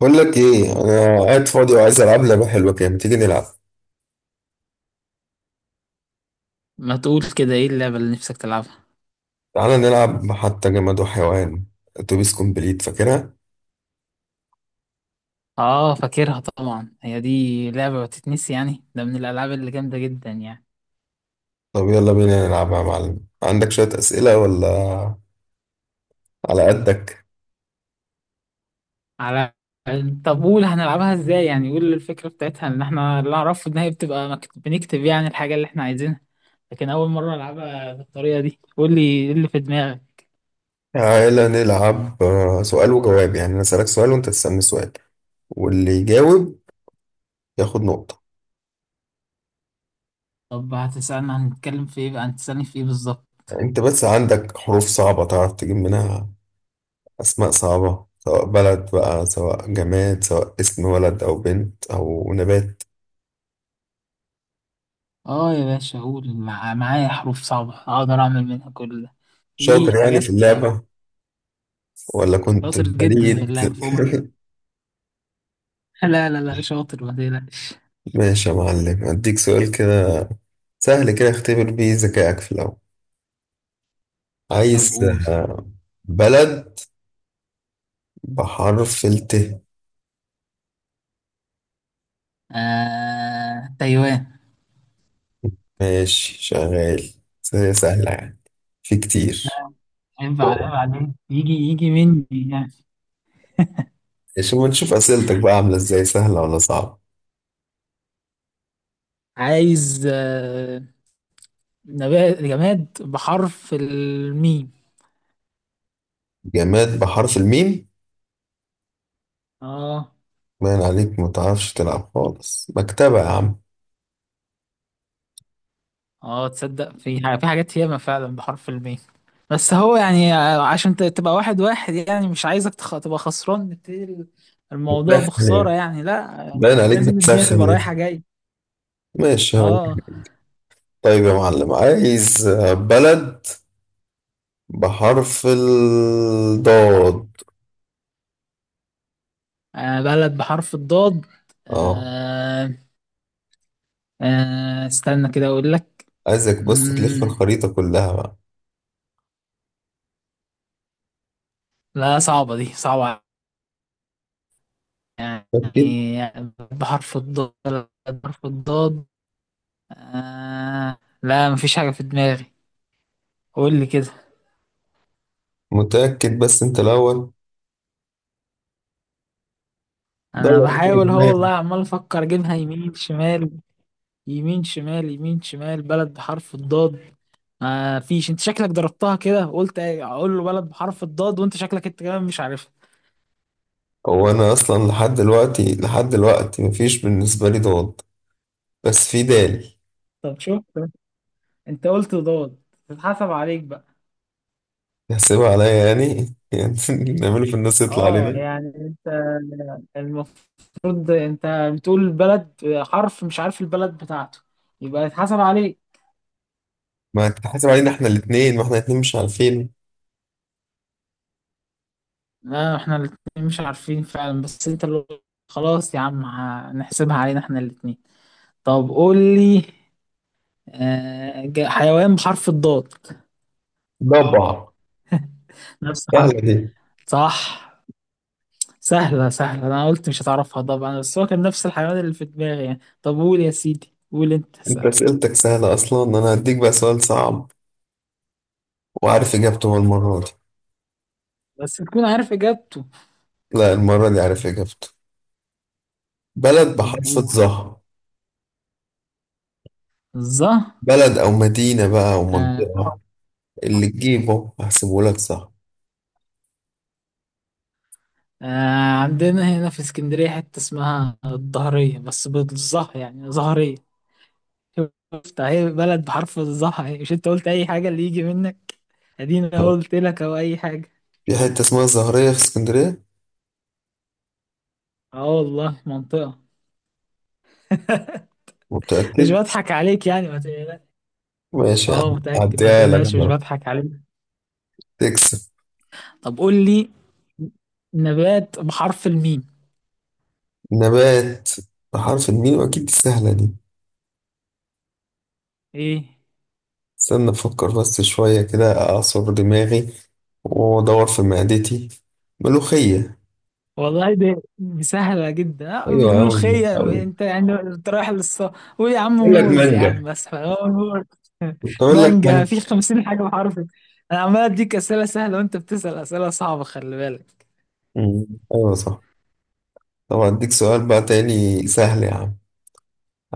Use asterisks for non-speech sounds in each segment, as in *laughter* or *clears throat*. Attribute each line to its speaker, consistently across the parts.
Speaker 1: بقول لك ايه؟ انا قاعد فاضي وعايز العب لعبه حلوه كده، ما تيجي نلعب؟
Speaker 2: ما تقول كده، ايه اللعبة اللي نفسك تلعبها؟
Speaker 1: تعالى نلعب حتى جماد وحيوان، اتوبيس كومبليت، فاكرها؟
Speaker 2: اه فاكرها طبعا، هي دي لعبة ما تتنسي يعني، ده من الالعاب اللي جامدة جدا يعني.
Speaker 1: طب يلا بينا نلعبها يا معلم. عندك شويه اسئله ولا على قدك؟
Speaker 2: على طب قول هنلعبها ازاي يعني، قول الفكرة بتاعتها. ان احنا اللي اعرفه ان هي بتبقى بنكتب يعني الحاجة اللي احنا عايزينها، لكن اول مرة العبها بالطريقة دي. قول لي ايه اللي في دماغك.
Speaker 1: تعالى نلعب سؤال وجواب، يعني انا اسالك سؤال وانت تسالني سؤال، واللي يجاوب ياخد نقطه.
Speaker 2: طب هتسألنا هنتكلم في ايه بقى؟ هتسألني في ايه بالظبط؟
Speaker 1: انت بس عندك حروف صعبه تعرف تجيب منها؟ اسماء صعبه، سواء بلد بقى، سواء جماد، سواء اسم ولد او بنت او نبات.
Speaker 2: اه يا باشا، قول معايا حروف صعبة اقدر اعمل منها كل ده. في
Speaker 1: شاطر يعني في
Speaker 2: حاجات
Speaker 1: اللعبه ولا كنت
Speaker 2: شاطر جدا في
Speaker 1: بليد؟
Speaker 2: اللعبة فوق ما
Speaker 1: *laughs*
Speaker 2: لا شاطر، ما تقلقش.
Speaker 1: ماشي يا معلم، أديك سؤال كده سهل كده اختبر بيه ذكائك في الأول.
Speaker 2: طب
Speaker 1: عايز
Speaker 2: قول.
Speaker 1: آه، بلد بحرف الت.
Speaker 2: تايوان.
Speaker 1: ماشي، شغال. سهلة سهلة يعني، في كتير.
Speaker 2: ينفع عيب عليك، يجي مني يعني.
Speaker 1: ماشي، ما نشوف أسئلتك بقى عاملة إزاي، سهلة ولا صعبة.
Speaker 2: عايز نبات، جماد بحرف الميم.
Speaker 1: جماد بحرف الميم؟
Speaker 2: اه.
Speaker 1: باين عليك ما تعرفش تلعب خالص. مكتبة يا عم.
Speaker 2: اه تصدق في حاجة، في حاجات ياما فعلا بحرف الميم، بس هو يعني عشان تبقى واحد واحد يعني، مش عايزك تبقى خسران. نبتدي الموضوع
Speaker 1: بتسخن
Speaker 2: بخسارة
Speaker 1: يعني،
Speaker 2: يعني؟ لا
Speaker 1: باين عليك
Speaker 2: لازم الدنيا تبقى
Speaker 1: بتسخن
Speaker 2: رايحة
Speaker 1: لسه.
Speaker 2: جاي.
Speaker 1: ماشي. هو.
Speaker 2: اه.
Speaker 1: طيب يا معلم، عايز بلد بحرف الضاد.
Speaker 2: بلد بحرف الضاد.
Speaker 1: اه،
Speaker 2: آه، استنى كده اقول لك.
Speaker 1: عايزك بس تلف
Speaker 2: مم،
Speaker 1: الخريطة كلها بقى.
Speaker 2: لا صعبة، دي صعبة
Speaker 1: متأكد؟
Speaker 2: يعني. بحرف الضاد، بحرف الضاد. لا مفيش حاجة في دماغي. قول لي كده.
Speaker 1: متأكد، بس انت الأول.
Speaker 2: انا
Speaker 1: دور كده في
Speaker 2: بحاول، هو والله
Speaker 1: دماغك.
Speaker 2: عمال افكر اجيبها يمين شمال، يمين شمال، يمين شمال. بلد بحرف الضاد ما فيش. انت شكلك ضربتها كده، قلت اقول له بلد بحرف الضاد وانت شكلك انت كمان مش عارفها.
Speaker 1: هو أنا أصلا لحد دلوقتي مفيش بالنسبة لي ضاد، بس في دال.
Speaker 2: طب شوف، انت قلت ضاد، تتحسب عليك بقى.
Speaker 1: هسيبها عليا يعني *laughs* يعني نعمله في الناس يطلع
Speaker 2: اه
Speaker 1: علينا.
Speaker 2: يعني انت، المفروض انت بتقول بلد، حرف مش عارف البلد بتاعته، يبقى يتحسب عليك.
Speaker 1: ما تحاسب علينا احنا الاتنين، ما احنا الاتنين مش عارفين.
Speaker 2: لا احنا الاتنين مش عارفين فعلا، بس انت اللي، خلاص يا عم هنحسبها علينا احنا الاتنين. طب قول لي، حيوان بحرف الضاد.
Speaker 1: ضبع.
Speaker 2: نفس حرف.
Speaker 1: سهلة دي.
Speaker 2: صح. سهلة سهلة، انا قلت مش هتعرفها طبعا، بس هو كان نفس الحيوان اللي في دماغي يعني. طب قول يا سيدي، قول انت
Speaker 1: انت
Speaker 2: سهل.
Speaker 1: أسئلتك سهلة أصلا، أنا هديك بقى سؤال صعب وعارف إجابته المرة دي.
Speaker 2: بس تكون عارف اجابته.
Speaker 1: لا، المرة دي عارف إجابته. بلد
Speaker 2: طب
Speaker 1: بحرف
Speaker 2: قول.
Speaker 1: الظهر.
Speaker 2: الظهر.
Speaker 1: بلد أو مدينة بقى أو منطقة، اللي تجيبه هحسبه لك صح.
Speaker 2: آه عندنا هنا في اسكندرية حتة اسمها الظهرية، بس بالظه يعني، ظهرية. شفت اهي بلد بحرف الظه اهي. مش انت قلت اي حاجة اللي يجي منك؟ ادينا قلت لك او اي حاجة.
Speaker 1: في حتة اسمها الزهرية في اسكندرية.
Speaker 2: اه والله منطقة. *laughs* مش
Speaker 1: متأكد؟
Speaker 2: بضحك عليك يعني، ما تقلقش.
Speaker 1: ماشي يا
Speaker 2: اه
Speaker 1: عم،
Speaker 2: متأكد، ما
Speaker 1: هعديها لك
Speaker 2: تقلقش، مش
Speaker 1: بقى.
Speaker 2: بضحك عليك.
Speaker 1: تكسب.
Speaker 2: طب قول لي، نبات بحرف الميم.
Speaker 1: نبات بحرف الميم؟ أكيد دي سهلة دي.
Speaker 2: ايه
Speaker 1: استنى أفكر بس شوية كده، أعصر دماغي وأدور في معدتي. ملوخية.
Speaker 2: والله دي دي سهلة جدا، دي
Speaker 1: أيوة، أوي
Speaker 2: ملوخية.
Speaker 1: أوي.
Speaker 2: انت يعني انت رايح للص، قول يا عم
Speaker 1: أقول لك
Speaker 2: موز يا عم،
Speaker 1: مانجا،
Speaker 2: بس هو موز. *laughs*
Speaker 1: كنت أقول لك
Speaker 2: مانجا
Speaker 1: مانجا.
Speaker 2: في خمسين حاجة بحرف. انا عمال اديك اسئلة سهلة وانت بتسأل اسئلة صعبة، خلي بالك.
Speaker 1: أمم، أيوة صح. طب أديك سؤال بقى تاني سهل يا عم.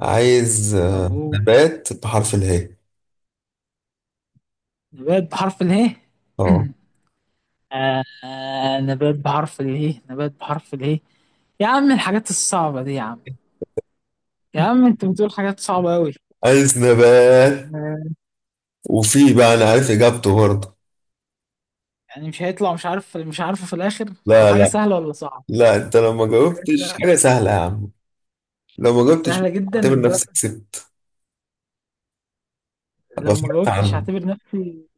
Speaker 1: عايز
Speaker 2: طب قول،
Speaker 1: نبات بحرف الهاء.
Speaker 2: نبات بحرف اله.
Speaker 1: اه،
Speaker 2: *clears throat* نبات بحرف اله، نبات بحرف اله. يا عم الحاجات الصعبة دي يا عم، يا عم انت بتقول حاجات صعبة أوي.
Speaker 1: عايز نبات،
Speaker 2: آه،
Speaker 1: وفي بقى انا عارف اجابته برضه.
Speaker 2: يعني مش هيطلع مش عارف، مش عارفه في الآخر؟ طب
Speaker 1: لا
Speaker 2: حاجة
Speaker 1: لا.
Speaker 2: سهلة ولا صعبة؟
Speaker 1: لا انت لو ما
Speaker 2: حاجة
Speaker 1: جاوبتش
Speaker 2: سهلة.
Speaker 1: حاجه سهله يا عم، لو ما جاوبتش
Speaker 2: سهلة جدا
Speaker 1: اعتبر نفسك
Speaker 2: لدرجة.
Speaker 1: كسبت، ابقى
Speaker 2: لو ما
Speaker 1: فرقت
Speaker 2: جاوبتش
Speaker 1: عنه.
Speaker 2: هعتبر نفسي،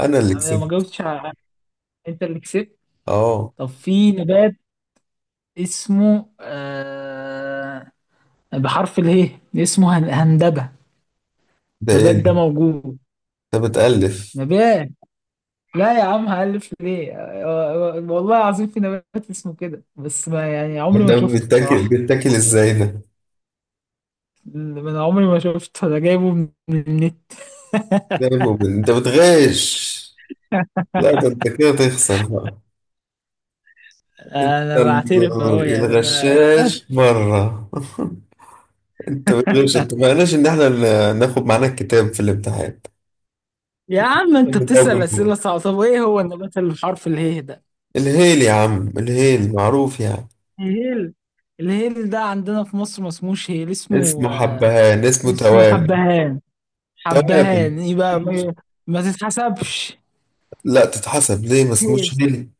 Speaker 1: انا اللي
Speaker 2: لو ما
Speaker 1: كسبت.
Speaker 2: جاوبتش انت اللي كسبت.
Speaker 1: اه.
Speaker 2: طب في نبات اسمه بحرف اله، اسمه هندبة.
Speaker 1: ده ايه
Speaker 2: نبات ده
Speaker 1: ده؟
Speaker 2: موجود،
Speaker 1: انت بتألف.
Speaker 2: نبات. لا يا عم هألف ليه، والله العظيم في نبات اسمه كده، بس ما يعني عمري ما
Speaker 1: ده
Speaker 2: شفته
Speaker 1: بيتاكل
Speaker 2: بصراحة.
Speaker 1: بيتاكل ازاي ده؟
Speaker 2: من عمري ما شفته، انا جايبه من من النت.
Speaker 1: ده
Speaker 2: *laughs*
Speaker 1: مؤمن. انت بتغش. لا ده انت كده تخسر بقى. انت
Speaker 2: انا بعترف اهو
Speaker 1: ال-
Speaker 2: يعني، انا.
Speaker 1: الغشاش بره *laughs* انت بتغش! اتفقناش ان احنا ناخد معانا الكتاب في الامتحان.
Speaker 2: يا عم انت بتسأل
Speaker 1: الهيل.
Speaker 2: أسئلة صعبة، طب ايه هو النبات اللي بحرف اله ده؟
Speaker 1: *laughs* الهيل يا عم، الهيل معروف يعني.
Speaker 2: الهيل. الهيل ده عندنا في مصر ما اسموش هيل،
Speaker 1: اسمه
Speaker 2: اسمه آه،
Speaker 1: حبهان، اسمه
Speaker 2: اسمه
Speaker 1: تواب.
Speaker 2: حبهان.
Speaker 1: *laughs* عارف.
Speaker 2: حبهان يبقى ما، ما تتحسبش
Speaker 1: لا تتحسب ليه، ما اسموش
Speaker 2: هيل.
Speaker 1: هيل.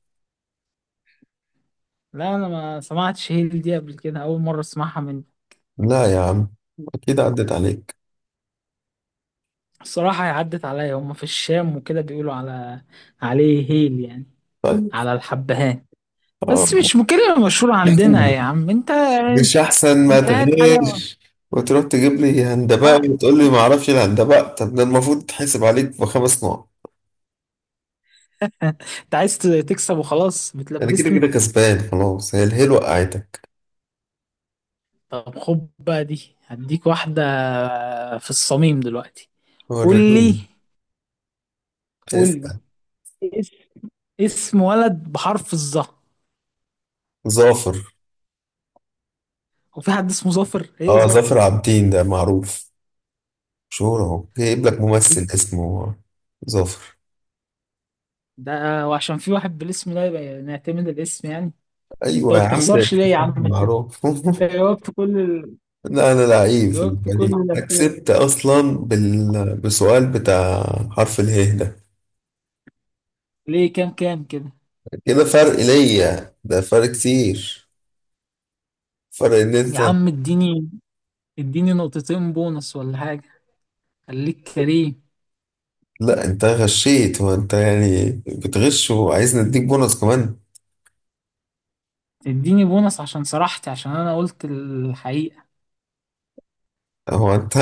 Speaker 2: لا انا ما سمعتش هيل دي قبل كده، اول مرة اسمعها مني.
Speaker 1: لا يا عم، اكيد عدت عليك.
Speaker 2: الصراحة هي عدت عليا، هما في الشام وكده بيقولوا على عليه هيل يعني،
Speaker 1: طيب.
Speaker 2: على الحبهان. بس
Speaker 1: اه.
Speaker 2: مش كلمة مشهورة عندنا.
Speaker 1: أحسن.
Speaker 2: يا عم انت،
Speaker 1: مش احسن ما
Speaker 2: انت هات حاجة.
Speaker 1: تغش وتروح تجيب لي
Speaker 2: ما
Speaker 1: هندباء وتقول لي ما اعرفش الهندباء. طب ده المفروض تحسب عليك بخمس نقط.
Speaker 2: *laughs* انت عايز تكسب وخلاص،
Speaker 1: انا كده
Speaker 2: بتلبسني.
Speaker 1: كده كسبان خلاص، هي الهيل وقعتك.
Speaker 2: طب خد بقى دي، هديك واحدة في الصميم دلوقتي. قول لي،
Speaker 1: وريني.
Speaker 2: قول لي.
Speaker 1: اسأل.
Speaker 2: اس- اسم ولد بحرف الظا.
Speaker 1: ظافر.
Speaker 2: وفي حد اسمه ظافر؟ ايه
Speaker 1: اه،
Speaker 2: ظافر
Speaker 1: ظافر
Speaker 2: دي؟
Speaker 1: عابدين ده معروف، مشهور، اهو جايب
Speaker 2: انت،
Speaker 1: لك ممثل اسمه ظافر.
Speaker 2: ده وعشان في واحد بالاسم ده يبقى نعتمد الاسم يعني؟ انت
Speaker 1: ايوه
Speaker 2: ما
Speaker 1: يا عم ده
Speaker 2: بتخسرش ليه يا عم انت؟
Speaker 1: معروف.
Speaker 2: انت
Speaker 1: *laughs*
Speaker 2: جاوبت كل ال...
Speaker 1: لا انا لعيب في
Speaker 2: جاوبت كل
Speaker 1: الفريق،
Speaker 2: الاسئله
Speaker 1: كسبت اصلا بسؤال بتاع حرف اله ده.
Speaker 2: ليه؟ كام كام كده؟
Speaker 1: كده فرق ليا ده، فرق كتير، فرق ان انت.
Speaker 2: يا عم اديني، اديني نقطتين بونص ولا حاجه، خليك كريم.
Speaker 1: لا انت غشيت. هو انت يعني بتغش وعايز نديك بونص كمان؟
Speaker 2: اديني بونص عشان سرحت، عشان انا قلت الحقيقه.
Speaker 1: هو انت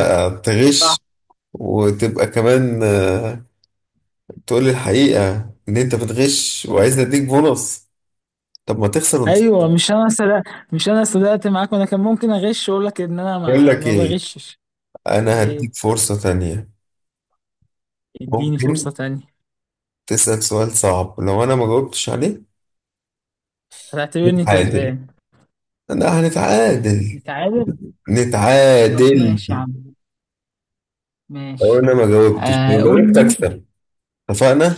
Speaker 1: تغش وتبقى كمان تقول لي الحقيقة إن أنت بتغش وعايزني أديك بونص؟ طب ما تخسر وأنت.
Speaker 2: ايوه مش انا صدقت، مش انا صدقت معاك؟ وانا كان ممكن اغش واقول لك ان انا
Speaker 1: بقول
Speaker 2: ما،
Speaker 1: لك
Speaker 2: ما
Speaker 1: إيه،
Speaker 2: بغشش.
Speaker 1: أنا
Speaker 2: ايه؟
Speaker 1: هديك فرصة تانية.
Speaker 2: اديني
Speaker 1: ممكن
Speaker 2: فرصة تانية.
Speaker 1: تسأل سؤال صعب، لو أنا ما جاوبتش عليه
Speaker 2: هتعتبرني
Speaker 1: نتعادل.
Speaker 2: كسبان؟
Speaker 1: أنا هنتعادل،
Speaker 2: نتعادل. طب
Speaker 1: نتعادل.
Speaker 2: ماشي يا عم،
Speaker 1: لو
Speaker 2: ماشي.
Speaker 1: أنا ما جاوبتش،
Speaker 2: آه
Speaker 1: لو
Speaker 2: قول
Speaker 1: جاوبت
Speaker 2: لي.
Speaker 1: أكسب. اتفقنا؟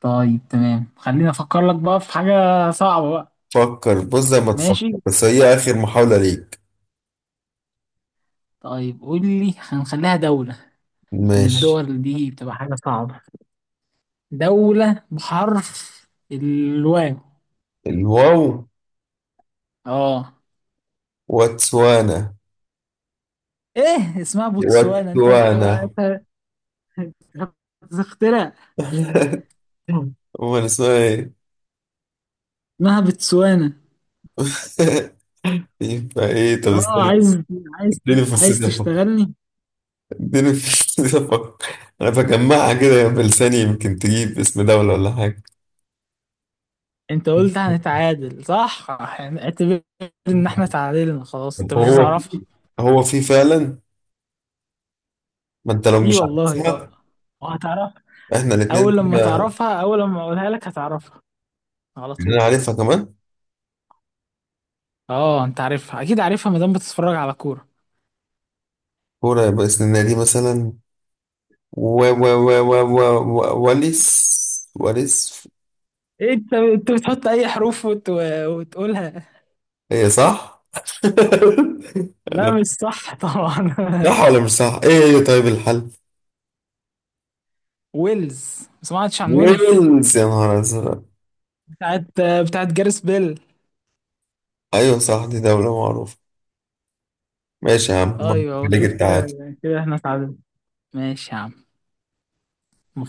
Speaker 2: طيب تمام، خليني افكر لك بقى في حاجة صعبة بقى.
Speaker 1: فكر، بص زي ما
Speaker 2: ماشي.
Speaker 1: تفكر، بس هي آخر محاولة ليك.
Speaker 2: طيب قول لي، هنخليها دولة عشان
Speaker 1: ماشي.
Speaker 2: الدول دي بتبقى حاجة صعبة. دولة بحرف الواو.
Speaker 1: الواو.
Speaker 2: اه.
Speaker 1: واتسوانا.
Speaker 2: ايه اسمها بوتسوانا؟ انت انت
Speaker 1: واتسوانا.
Speaker 2: انت اخترع.
Speaker 1: *laughs* هو أنا اسمها إيه؟
Speaker 2: اسمها بتسوانا.
Speaker 1: *laughs* يبقى ايه؟ طب
Speaker 2: اه
Speaker 1: استنى،
Speaker 2: عايز، عايز.
Speaker 1: اديني
Speaker 2: عايز
Speaker 1: فرصتي افكر.
Speaker 2: تشتغلني؟
Speaker 1: اديني *laughs* فرصتي افكر. انا بجمعها كده بلساني، يمكن تجيب اسم دولة ولا حاجة.
Speaker 2: انت قلت هنتعادل صح؟ يعني اعتبر ان احنا تعادلنا خلاص، انت
Speaker 1: طب
Speaker 2: مش
Speaker 1: هو،
Speaker 2: هتعرفها.
Speaker 1: هو في فعلا؟ ما انت لو
Speaker 2: ايه
Speaker 1: مش
Speaker 2: والله اه
Speaker 1: عارفها
Speaker 2: وهتعرفها.
Speaker 1: احنا الاتنين
Speaker 2: اول لما
Speaker 1: كده.
Speaker 2: تعرفها، اول لما اقولها لك هتعرفها على
Speaker 1: انا
Speaker 2: طول.
Speaker 1: عارفها كمان.
Speaker 2: اه انت عارفها، اكيد عارفها ما دام بتتفرج على كورة.
Speaker 1: كورة، يبقى اسمنا دي مثلا. و و و و و و- وليس وليس.
Speaker 2: إيه انت بتحط اي حروف وتقولها.
Speaker 1: هي صح؟ *laughs*
Speaker 2: لا
Speaker 1: أنا،
Speaker 2: مش صح طبعا.
Speaker 1: صح ولا مش صح؟ ايه هي؟ طيب، الحل؟
Speaker 2: *laughs* ويلز. ما سمعتش عن ويلز؟
Speaker 1: ويلز، يا نهار ازرق.
Speaker 2: بتاعت، بتاعت جاريس بيل.
Speaker 1: ايوه صح، دي دولة معروفة. ماشي يا عم، مبروك
Speaker 2: ايوه
Speaker 1: عليك
Speaker 2: شوف كده،
Speaker 1: انت.
Speaker 2: كده احنا اتعادلنا. ماشي يا عم.